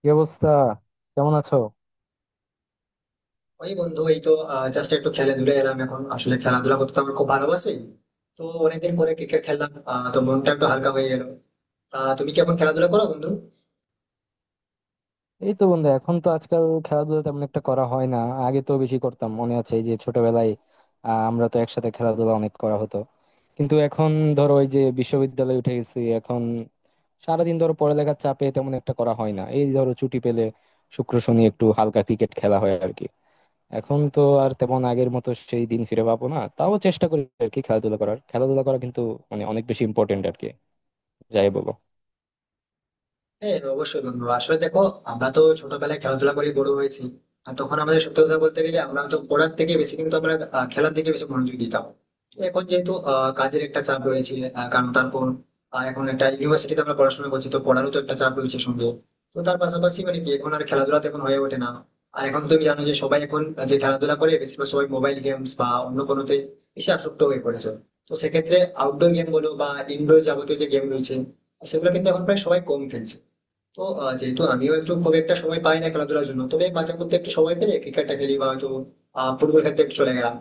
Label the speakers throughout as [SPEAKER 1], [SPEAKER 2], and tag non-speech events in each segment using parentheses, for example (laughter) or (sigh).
[SPEAKER 1] কি অবস্থা? কেমন আছো?
[SPEAKER 2] ওই বন্ধু, এই তো জাস্ট একটু খেলে ধুলে এলাম। এখন আসলে খেলাধুলা করতে তো আমার খুব ভালোবাসি। তো অনেকদিন পরে ক্রিকেট খেললাম। তো মনটা একটু হালকা হয়ে গেল। তা তুমি কি এখন খেলাধুলা করো বন্ধু?
[SPEAKER 1] এই তো বন্ধু, এখন তো আজকাল খেলাধুলা তেমন একটা করা হয় না। আগে তো বেশি করতাম, মনে আছে এই যে ছোটবেলায়, আমরা তো একসাথে খেলাধুলা অনেক করা হতো। কিন্তু এখন ধরো, ওই যে বিশ্ববিদ্যালয়ে উঠে গেছি এখন। সারাদিন ধরো পড়ালেখার চাপে তেমন একটা করা হয় না, এই ধরো ছুটি পেলে শুক্র শনি একটু হালকা ক্রিকেট খেলা হয় আর কি। এখন তো আর তেমন আগের মতো সেই দিন ফিরে পাবো না, তাও চেষ্টা করি আর কি খেলাধুলা করা কিন্তু মানে অনেক বেশি ইম্পর্টেন্ট আর কি, যাই বলো।
[SPEAKER 2] হ্যাঁ, অবশ্যই বন্ধু। আসলে দেখো, আমরা তো ছোটবেলায় খেলাধুলা করে বড় হয়েছি। আর তখন আমাদের সত্যি কথা বলতে গেলে, আমরা তো পড়ার থেকে বেশি কিন্তু আমরা খেলার দিকে বেশি মনোযোগ দিতাম। তো এখন যেহেতু কাজের একটা চাপ রয়েছে, কারণ তারপর এখন একটা ইউনিভার্সিটিতে আমরা পড়াশোনা করছি, তো পড়ারও তো একটা চাপ রয়েছে সঙ্গে। তো তার পাশাপাশি মানে কি এখন আর খেলাধুলা তেমন হয়ে ওঠে না। আর এখন তুমি জানো যে সবাই এখন, যে খেলাধুলা করে বেশিরভাগ সবাই মোবাইল গেমস বা অন্য কোনোতে বেশি আসক্ত হয়ে পড়েছে। তো সেক্ষেত্রে আউটডোর গেম বলো বা ইনডোর, যাবতীয় যে গেম রয়েছে সেগুলো কিন্তু এখন প্রায় সবাই কম খেলছে। তো যেহেতু আমিও একটু খুব একটা সময় পাই না খেলাধুলার জন্য, তবে মাঝে মধ্যে একটু সময় পেলে ক্রিকেটটা খেলি বা হয়তো ফুটবল খেলতে একটু চলে গেলাম।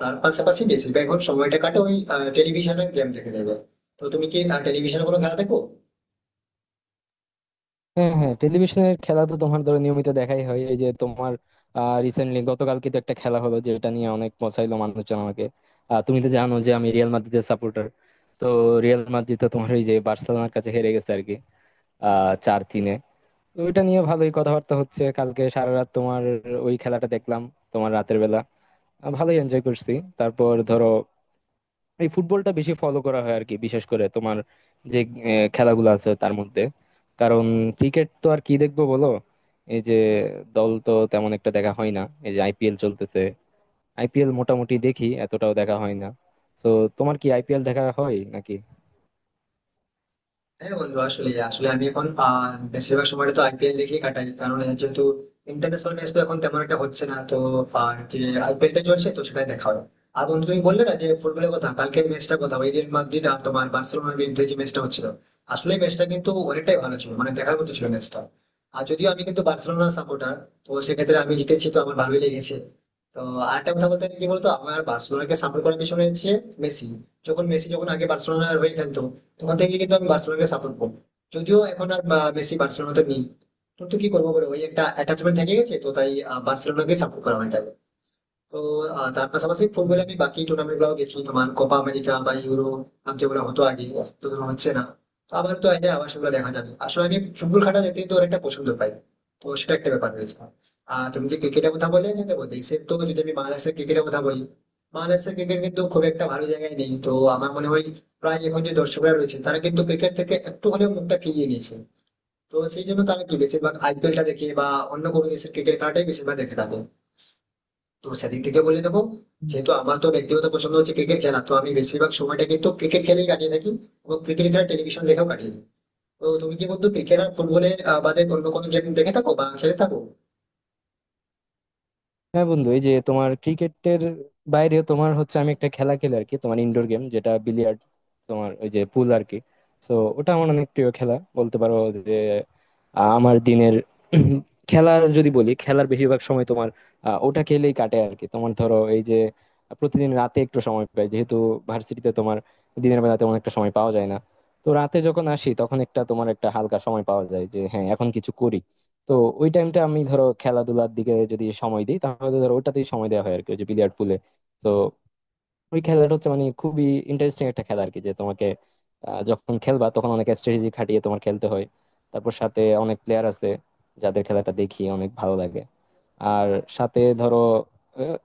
[SPEAKER 2] তার পাশাপাশি বেশিরভাগ এখন সময়টা কাটে ওই টেলিভিশনে গেম দেখে দেবে। তো তুমি কি টেলিভিশনে কোনো খেলা দেখো?
[SPEAKER 1] হ্যাঁ, হ্যাঁ, টেলিভিশনের খেলা তো তোমার ধরো নিয়মিত দেখাই হয়। এই যে তোমার রিসেন্টলি গতকালকে তো একটা খেলা হলো, যেটা নিয়ে অনেক পচাইলো মানুষজন আমাকে। তুমি তো জানো যে আমি রিয়াল মাদ্রিদের সাপোর্টার। তো রিয়াল মাদ্রিদ তো তোমার ওই যে বার্সেলোনার কাছে হেরে গেছে আর কি, 4-3-এ। তো ওইটা নিয়ে ভালোই কথাবার্তা হচ্ছে। কালকে সারা রাত তোমার ওই খেলাটা দেখলাম, তোমার রাতের বেলা, ভালোই এনজয় করছি। তারপর ধরো এই ফুটবলটা বেশি ফলো করা হয় আর কি, বিশেষ করে তোমার যে খেলাগুলো আছে তার মধ্যে। কারণ ক্রিকেট তো আর কি দেখবো বলো, এই যে দল তো তেমন একটা দেখা হয় না। এই যে আইপিএল চলতেছে, আইপিএল মোটামুটি দেখি, এতটাও দেখা হয় না। তো তোমার কি আইপিএল দেখা হয় নাকি?
[SPEAKER 2] হ্যাঁ বন্ধু, আসলে আসলে আমি এখন বেশিরভাগ সময়টা তো আইপিএল দেখেই কাটাই, কারণ এর যেহেতু ইন্টারন্যাশনাল ম্যাচ তো এখন তেমন একটা হচ্ছে না। তো আর যে আইপিএলটা চলছে তো সেটাই দেখা হয়। আর বন্ধু তুমি বললে না যে ফুটবলের কথা, কালকের ম্যাচটা কথা, ওই রিয়াল মাদ্রিদ আর তোমার বার্সেলোনার বিরুদ্ধে যে ম্যাচটা হচ্ছিল, আসলে ম্যাচটা কিন্তু অনেকটাই ভালো ছিল, মানে দেখার মতো ছিল ম্যাচটা। আর যদিও আমি কিন্তু বার্সেলোনা সাপোর্টার, তো সেক্ষেত্রে আমি জিতেছি তো আমার ভালোই লেগেছে। তো আরেকটা কথা বলতে গেলে কি বলতো, আমার বার্সেলোনাকে সাপোর্ট করার পিছনে হচ্ছে মেসি। যখন মেসি আগে বার্সেলোনার হয়ে খেলতো, তখন থেকে কিন্তু আমি বার্সেলোনাকে সাপোর্ট করবো। যদিও এখন আর মেসি বার্সেলোনাতে নেই, কিন্তু কি করবো বলো, ওই একটা অ্যাটাচমেন্ট থেকে গেছে, তো তাই বার্সেলোনাকে সাপোর্ট করা হয় তাকে। তো তার পাশাপাশি ফুটবলে আমি বাকি টুর্নামেন্ট গুলো দেখি, তোমার কোপা আমেরিকা বা ইউরো, যেগুলো হতো আগে, এখন তো ধরো হচ্ছে না। তো আবার তো এলে আবার সেগুলো দেখা যাবে। আসলে আমি ফুটবল খেলা দেখতে কিন্তু অনেকটা পছন্দ পাই, তো সেটা একটা ব্যাপার রয়েছে। আর তুমি যে ক্রিকেটের কথা বলে, দেখো দেশের তো, যদি আমি বাংলাদেশের ক্রিকেটের কথা বলি, বাংলাদেশের ক্রিকেট কিন্তু খুব একটা ভালো জায়গায় নেই। তো আমার মনে হয় প্রায় এখন যে দর্শকরা রয়েছে তারা কিন্তু ক্রিকেট থেকে একটু হলেও মুখটা ফিরিয়ে নিয়েছে। তো সেই জন্য তারা কি বেশিরভাগ আইপিএলটা দেখে বা অন্য কোনো দেশের ক্রিকেট খেলাটাই বেশিরভাগ দেখে থাকে। তো সেদিক থেকে বলে দেবো,
[SPEAKER 1] হুম।
[SPEAKER 2] যেহেতু আমার তো ব্যক্তিগত পছন্দ হচ্ছে ক্রিকেট খেলা, তো আমি বেশিরভাগ সময়টা কিন্তু ক্রিকেট খেলেই কাটিয়ে থাকি এবং ক্রিকেট খেলা টেলিভিশন দেখেও কাটিয়ে দিই। তো তুমি কি বন্ধু ক্রিকেট আর ফুটবলের বাদে অন্য কোনো গেম দেখে থাকো বা খেলে থাকো?
[SPEAKER 1] হ্যাঁ বন্ধু, এই যে তোমার ক্রিকেটের বাইরে তোমার হচ্ছে আমি একটা খেলা খেলি আর কি, তোমার ইনডোর গেম, যেটা বিলিয়ার্ড, তোমার ওই যে পুল আর কি। তো ওটা আমার অনেক প্রিয় খেলা বলতে পারো, যে আমার দিনের (clears throat) খেলার যদি বলি, খেলার বেশিরভাগ সময় তোমার ওটা খেলেই কাটে আর কি। তোমার ধরো এই যে প্রতিদিন রাতে একটু সময় পাই, যেহেতু ভার্সিটিতে তোমার দিনের বেলা তেমন একটা সময় পাওয়া যায় না। তো রাতে যখন আসি তখন একটা তোমার একটা হালকা সময় পাওয়া যায়, যে হ্যাঁ এখন কিছু করি। তো ওই টাইমটা আমি ধরো খেলাধুলার দিকে যদি সময় দিই তাহলে ধরো ওটাতেই সময় দেওয়া হয় আর কি, ওই যে বিলিয়ার্ড পুলে। তো ওই খেলাটা হচ্ছে মানে খুবই ইন্টারেস্টিং একটা খেলা আর কি, যে তোমাকে যখন খেলবা তখন অনেক স্ট্র্যাটেজি খাটিয়ে তোমার খেলতে হয়। তারপর সাথে অনেক প্লেয়ার আছে যাদের খেলাটা দেখি অনেক ভালো লাগে। আর সাথে ধরো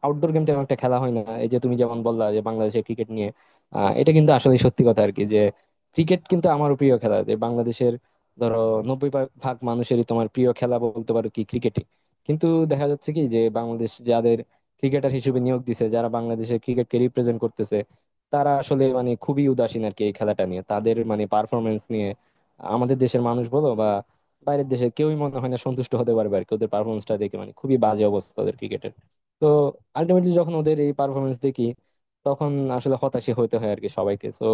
[SPEAKER 1] আউটডোর গেম তেমন একটা খেলা হয় না। এই যে তুমি যেমন বললা যে বাংলাদেশের ক্রিকেট নিয়ে, এটা কিন্তু আসলে সত্যি কথা আর কি, যে ক্রিকেট কিন্তু আমার প্রিয় খেলা, যে বাংলাদেশের ধরো নব্বই ভাগ মানুষেরই তোমার প্রিয় খেলা বলতে পারো কি ক্রিকেটই। কিন্তু দেখা যাচ্ছে কি যে বাংলাদেশ যাদের ক্রিকেটার হিসেবে নিয়োগ দিছে, যারা বাংলাদেশের ক্রিকেটকে রিপ্রেজেন্ট করতেছে, তারা আসলে মানে খুবই উদাসীন আর কি এই খেলাটা নিয়ে, তাদের মানে পারফরমেন্স নিয়ে আমাদের দেশের মানুষ বলো বা বাইরের দেশের কেউই মনে হয় না সন্তুষ্ট হতে পারবে আর কি। ওদের পারফরমেন্সটা দেখে মানে খুবই বাজে অবস্থা ওদের ক্রিকেটের। তো আলটিমেটলি যখন ওদের এই পারফরমেন্স দেখি তখন আসলে হতাশই হতে হয় আর কি সবাইকে। তো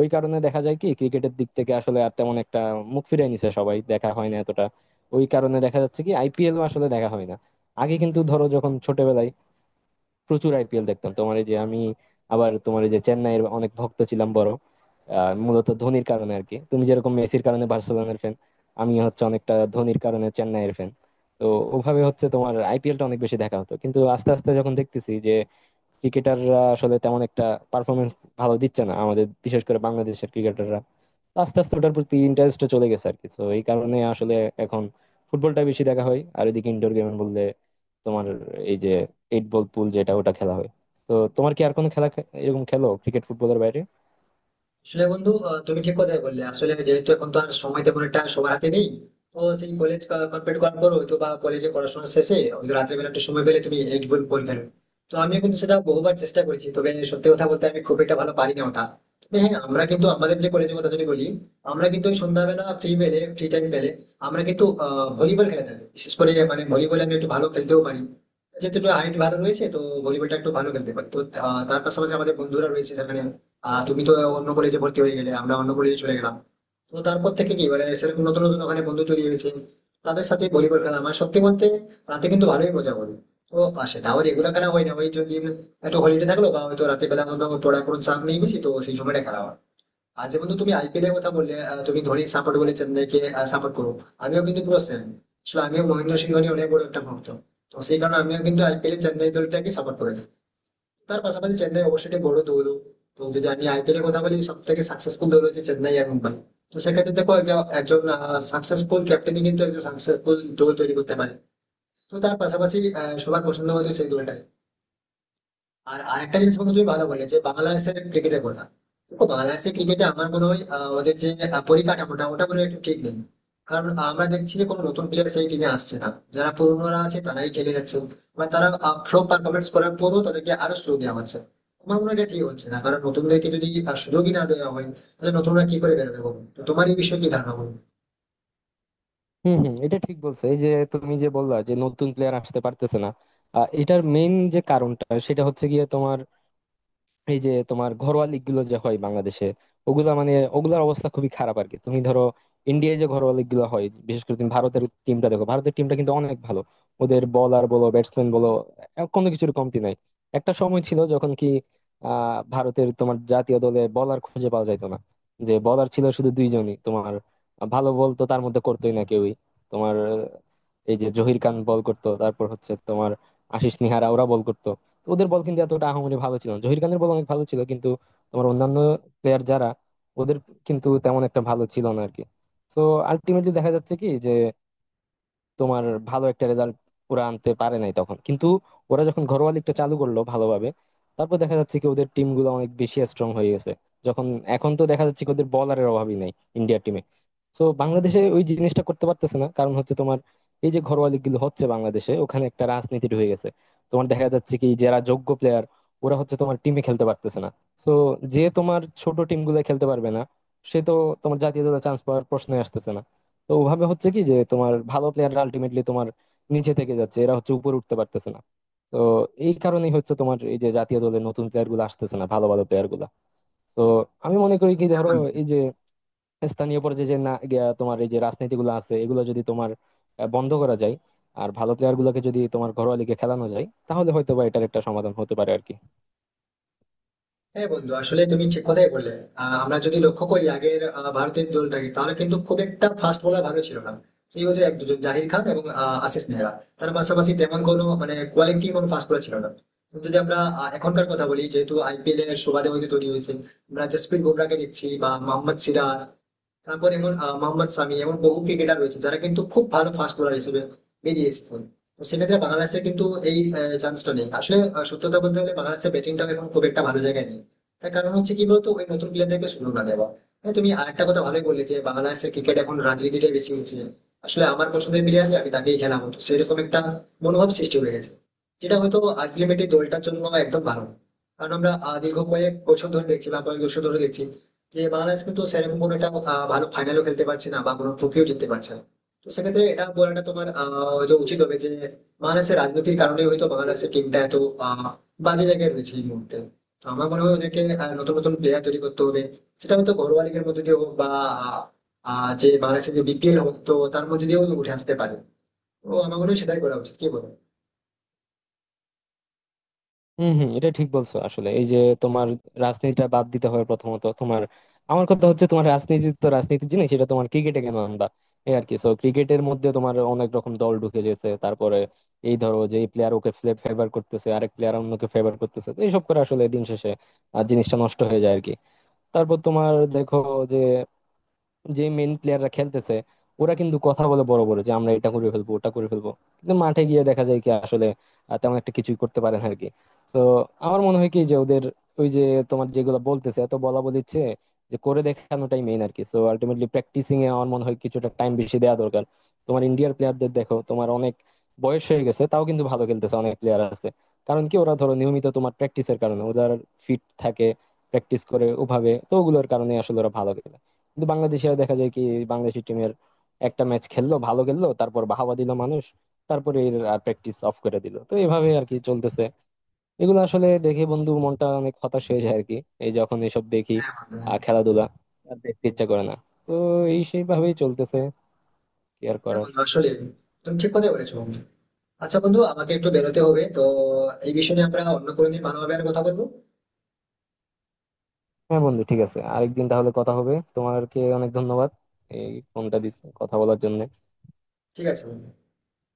[SPEAKER 1] ওই কারণে দেখা যায় কি ক্রিকেটের দিক থেকে আসলে আর তেমন একটা, মুখ ফিরিয়ে নিছে সবাই, দেখা হয় না এতটা। ওই কারণে দেখা যাচ্ছে কি আইপিএল আসলে দেখা হয় না। আগে কিন্তু ধরো যখন ছোটবেলায় প্রচুর আইপিএল দেখতাম তোমার, এই যে আমি আবার তোমার এই যে চেন্নাইয়ের অনেক ভক্ত ছিলাম, মূলত ধোনির কারণে আর কি, তুমি যেরকম মেসির কারণে বার্সেলোনার ফ্যান, আমি হচ্ছে অনেকটা ধোনির কারণে চেন্নাইয়ের ফ্যান। তো ওভাবে হচ্ছে তোমার আইপিএল টা অনেক বেশি দেখা হতো, কিন্তু আস্তে আস্তে যখন দেখতেছি যে ক্রিকেটাররা আসলে তেমন একটা পারফরমেন্স ভালো দিচ্ছে না আমাদের, বিশেষ করে বাংলাদেশের ক্রিকেটাররা, আস্তে আস্তে ওটার প্রতি ইন্টারেস্টটা চলে গেছে আর কি। তো এই কারণে আসলে এখন ফুটবলটা বেশি দেখা হয়। আর এদিকে ইনডোর গেম বললে তোমার এই যে এইট বল পুল, যেটা ওটা খেলা হয়। তো তোমার কি আর কোনো খেলা এরকম খেলো ক্রিকেট ফুটবলের বাইরে?
[SPEAKER 2] আসলে বন্ধু, তুমি ঠিক কথাই বললে। আসলে যেহেতু এখন তো আর সময় তেমন একটা সবার হাতে নেই, তো সেই কলেজ কমপ্লিট করার পর হয়তো বা কলেজে পড়াশোনা শেষে হয়তো রাতের বেলা একটু সময় পেলে তুমি এইট বই পরীক্ষা দেবে। তো আমিও কিন্তু সেটা বহুবার চেষ্টা করেছি, তবে সত্যি কথা বলতে আমি খুব একটা ভালো পারি না ওটা। তবে হ্যাঁ, আমরা কিন্তু আমাদের যে কলেজের কথা যদি বলি, আমরা কিন্তু ওই সন্ধ্যাবেলা ফ্রি পেলে, ফ্রি টাইম পেলে আমরা কিন্তু ভলিবল খেলে থাকি। বিশেষ করে মানে ভলিবল আমি একটু ভালো খেলতেও পারি, যেহেতু একটু হাইট ভালো রয়েছে, তো ভলিবলটা একটু ভালো খেলতে পারি। তো তার পাশাপাশি আমাদের বন্ধুরা রয়েছে সেখানে। তুমি তো অন্য কলেজে ভর্তি হয়ে গেলে, আমরা অন্য কলেজে চলে গেলাম। তো তারপর থেকে কি মানে সেরকম নতুন নতুন ওখানে বন্ধু তৈরি হয়েছে, তাদের সাথে ভলিবল খেলা মানে সত্যি বলতে রাতে কিন্তু ভালোই মজা করে। তো আর সেটাও রেগুলার খেলা হয় না, ওই যদি একটু হলিডে থাকলো বা হয়তো রাতে বেলা মধ্যে পড়ার কোনো চাপ নেই বেশি, তো সেই সময়টা খেলা হয়। আর যেমন তুমি আইপিএল এর কথা বললে, তুমি ধোনি সাপোর্ট বলে চেন্নাইকে সাপোর্ট করো, আমিও কিন্তু পুরো সেম। আসলে আমিও মহেন্দ্র সিং ধোনি অনেক বড় একটা ভক্ত, তো সেই কারণে আমিও কিন্তু আইপিএল এ চেন্নাই দলটাকে সাপোর্ট করে থাকি। তার পাশাপাশি চেন্নাই অবশ্যই একটি বড় দৌড়। তো যদি আমি আইপিএল এর কথা বলি, সব থেকে সাকসেসফুল দৌড় হচ্ছে চেন্নাই এখন পাই। তো সেক্ষেত্রে দেখো একজন সাকসেসফুল ক্যাপ্টেনই কিন্তু একজন সাকসেসফুল দৌড় তৈরি করতে পারে। তো তার পাশাপাশি সবার পছন্দ হতো সেই দলটাই। আর আরেকটা জিনিস বন্ধু তুমি ভালো বলে যে বাংলাদেশের ক্রিকেটের কথা, দেখো বাংলাদেশের ক্রিকেটে আমার মনে হয় ওদের যে পরিকাঠামোটা ওটা মনে হয় একটু ঠিক নেই। কারণ আমরা দেখছি যে কোনো নতুন প্লেয়ার সেই টিমে আসছে না, যারা পুরনোরা আছে তারাই খেলে যাচ্ছে। মানে তারা ফ্লপ পারফরমেন্স করার পরও তাদেরকে আরো সুযোগ দেওয়া হচ্ছে। আমার মনে হয় এটা ঠিক হচ্ছে না, কারণ নতুনদেরকে যদি সুযোগই না দেওয়া হয়, তাহলে নতুনরা কি করে বেরোবে বলো? তো তোমার এই বিষয়ে কি ধারণা বলো?
[SPEAKER 1] হম, হম, এটা ঠিক বলছো। এই যে তুমি যে বললা যে নতুন প্লেয়ার আসতে পারতেছে না, এটার মেইন যে কারণটা সেটা হচ্ছে গিয়ে তোমার এই যে তোমার ঘরোয়া লিগ গুলো যে হয় বাংলাদেশে, ওগুলা মানে ওগুলার অবস্থা খুবই খারাপ আর কি। তুমি ধরো ইন্ডিয়ায় যে ঘরোয়া লিগ গুলো হয়, বিশেষ করে তুমি ভারতের টিমটা দেখো, ভারতের টিমটা কিন্তু অনেক ভালো। ওদের বলার বলো, ব্যাটসম্যান বলো, কোনো কিছুর কমতি নাই। একটা সময় ছিল যখন কি ভারতের তোমার জাতীয় দলে বলার খুঁজে পাওয়া যাইতো না, যে বলার ছিল শুধু দুইজনই তোমার, ভালো বল তো তার মধ্যে করতোই না কেউই। তোমার এই যে জহির খান বল করতো, তারপর হচ্ছে তোমার আশিস নিহারা, ওরা বল করতো। তো ওদের বল কিন্তু এতটা আহামরি ভালো ছিল না, জহির খানের বল অনেক ভালো ছিল, কিন্তু তোমার অন্যান্য প্লেয়ার যারা ওদের কিন্তু তেমন একটা ভালো ছিল না আরকি। তো আলটিমেটলি দেখা যাচ্ছে কি যে তোমার ভালো একটা রেজাল্ট ওরা আনতে পারে নাই তখন। কিন্তু ওরা যখন ঘরোয়া লিগটা চালু করলো ভালোভাবে, তারপর দেখা যাচ্ছে কি ওদের টিম গুলো অনেক বেশি স্ট্রং হয়ে গেছে। যখন এখন তো দেখা যাচ্ছে কি ওদের বলারের অভাবই নাই ইন্ডিয়ার টিমে। তো বাংলাদেশে ওই জিনিসটা করতে পারতেছে না, কারণ হচ্ছে তোমার এই যে ঘরোয়া লিগ গুলো হচ্ছে বাংলাদেশে, ওখানে একটা রাজনীতি ঢুকে গেছে। তোমার দেখা যাচ্ছে কি, যারা যোগ্য প্লেয়ার ওরা হচ্ছে তোমার টিমে খেলতে পারতেছে না। তো যে তোমার ছোট টিম গুলো খেলতে পারবে না, সে তো তোমার জাতীয় দলে চান্স পাওয়ার প্রশ্নই আসতেছে না। তো ওভাবে হচ্ছে কি, যে তোমার ভালো প্লেয়াররা আলটিমেটলি তোমার নিচে থেকে যাচ্ছে, এরা হচ্ছে উপরে উঠতে পারতেছে না। তো এই কারণেই হচ্ছে তোমার এই যে জাতীয় দলের নতুন প্লেয়ার গুলো আসতেছে না, ভালো ভালো প্লেয়ার গুলা। তো আমি মনে করি কি
[SPEAKER 2] হ্যাঁ
[SPEAKER 1] ধরো
[SPEAKER 2] বন্ধু,
[SPEAKER 1] এই যে স্থানীয় পর্যায়ে যে না গিয়া তোমার এই যে রাজনীতি গুলো আছে, এগুলো যদি তোমার বন্ধ করা যায়, আর ভালো প্লেয়ার গুলোকে যদি তোমার ঘরোয়া লিগে খেলানো যায়, তাহলে হয়তো বা এটার একটা সমাধান হতে পারে আর কি।
[SPEAKER 2] হ্যাঁ বন্ধু, আসলে তুমি ঠিক কথাই বললে। আমরা যদি লক্ষ্য করি আগের ভারতের দলটাকে, তাহলে কিন্তু খুব একটা ফাস্ট বোলার ভালো ছিল না। সেই বোধহয় এক দুজন জাহির খান এবং আশিস নেহরা, তার পাশাপাশি তেমন কোনো মানে কোয়ালিটি কোনো ফাস্ট বোলার ছিল না। কিন্তু যদি আমরা এখনকার কথা বলি, যেহেতু আইপিএল এর সুবাদে হয়তো তৈরি হয়েছে, আমরা জসপ্রীত বুমরাকে দেখছি বা মোহাম্মদ সিরাজ, তারপর এমন মোহাম্মদ সামি, এমন বহু ক্রিকেটার রয়েছে যারা কিন্তু খুব ভালো ফাস্ট বোলার হিসেবে বেরিয়ে এসেছেন। তো সেক্ষেত্রে বাংলাদেশের কিন্তু এই চান্সটা নেই। আসলে সত্যতা বলতে গেলে বাংলাদেশের ব্যাটিংটাও এখন খুব একটা ভালো জায়গায় নেই। তার কারণ হচ্ছে কি বলতো, ওই নতুন প্লেয়ারদেরকে সুযোগ না দেওয়া। হ্যাঁ, তুমি আরেকটা কথা ভালোই বললে যে বাংলাদেশের ক্রিকেট এখন রাজনীতিটাই বেশি হচ্ছে। আসলে আমার পছন্দের প্লেয়ার আমি তাকেই খেলা হতো, সেরকম একটা মনোভাব সৃষ্টি হয়ে গেছে, যেটা হয়তো আলটিমেটলি দলটার জন্য একদম ভালো না। কারণ আমরা দীর্ঘ কয়েক বছর ধরে দেখছি বা কয়েক বছর ধরে দেখছি যে বাংলাদেশ কিন্তু সেরকম কোনো একটা ভালো ফাইনালও খেলতে পারছে না বা কোনো ট্রফিও জিততে পারছে না। তো সেক্ষেত্রে এটা বলাটা তোমার হয়তো উচিত হবে যে বাংলাদেশের রাজনীতির কারণে হয়তো বাংলাদেশের টিমটা এত আহ, বাজে জায়গায় রয়েছে এই মুহূর্তে। তো আমার মনে হয় ওদেরকে নতুন নতুন প্লেয়ার তৈরি করতে হবে, সেটা হয়তো ঘরোয়া লিগের মধ্যে দিয়ে হোক বা আহ, যে বাংলাদেশের যে বিপিএল হোক, তো তার মধ্যে দিয়েও উঠে আসতে পারে। তো আমার মনে হয় সেটাই করা উচিত, কি বলো?
[SPEAKER 1] হম, হম, এটা ঠিক বলছো আসলে। এই যে তোমার রাজনীতিটা বাদ দিতে হবে প্রথমত তোমার। আমার কথা হচ্ছে, তোমার রাজনীতি তো রাজনীতির জিনিস, সেটা তোমার ক্রিকেটে কেন আনবা এই আর কি। সো ক্রিকেটের মধ্যে তোমার অনেক রকম দল ঢুকে যেতে, তারপরে এই ধরো যে এই প্লেয়ার ওকে ফেভার করতেছে, আরেক প্লেয়ার অন্যকে ফেভার করতেছে, তো এইসব করে আসলে দিন শেষে আর জিনিসটা নষ্ট হয়ে যায় আর কি। তারপর তোমার দেখো, যে যে মেইন প্লেয়াররা খেলতেছে ওরা কিন্তু কথা বলে বড় বড় যে আমরা এটা করে ফেলবো, ওটা করে ফেলবো, কিন্তু মাঠে গিয়ে দেখা যায় কি আসলে তেমন একটা কিছুই করতে পারে না আর কি। তো আমার মনে হয় কি যে ওদের ওই যে তোমার যেগুলো বলতেছে, এত বলা বলিচ্ছে, যে করে দেখানোটাই মেইন আর কি। সো আলটিমেটলি প্র্যাকটিসিং এ আমার মনে হয় কিছুটা টাইম বেশি দেওয়া দরকার। তোমার ইন্ডিয়ার প্লেয়ারদের দেখো, তোমার অনেক বয়স হয়ে গেছে, তাও কিন্তু ভালো খেলতেছে অনেক প্লেয়ার আছে। কারণ কি ওরা ধরো নিয়মিত তোমার প্র্যাকটিসের কারণে ওদের ফিট থাকে, প্র্যাকটিস করে ওভাবে। তো ওগুলোর কারণে আসলে ওরা ভালো খেলে। কিন্তু বাংলাদেশিরা দেখা যায় কি, বাংলাদেশি টিমের একটা ম্যাচ খেললো, ভালো খেললো, তারপর বাহাবা দিল মানুষ, তারপরে এর আর প্র্যাকটিস অফ করে দিল। তো এভাবে আর কি চলতেছে। এগুলো আসলে দেখে বন্ধু মনটা অনেক হতাশ হয়ে যায় আর কি, এই যখন এসব দেখি।
[SPEAKER 2] হ্যাঁ বন্ধু, হ্যাঁ।
[SPEAKER 1] খেলাধুলা আর দেখতে ইচ্ছা করে না। তো এই সেইভাবেই চলতেছে, কি আর
[SPEAKER 2] হ্যাঁ
[SPEAKER 1] করার।
[SPEAKER 2] বন্ধু, আসলে তুমি ঠিক কথাই বলেছো বন্ধু। আচ্ছা বন্ধু, আমাকে একটু বেরোতে হবে, তো এই বিষয়ে নিয়ে আমরা অন্য কোনো দিন ভালোভাবে আর কথা বলবো।
[SPEAKER 1] হ্যাঁ বন্ধু, ঠিক আছে, আরেকদিন তাহলে কথা হবে। তোমাকে অনেক ধন্যবাদ এই ফোনটা দিস কথা বলার জন্য।
[SPEAKER 2] ঠিক আছে বন্ধু।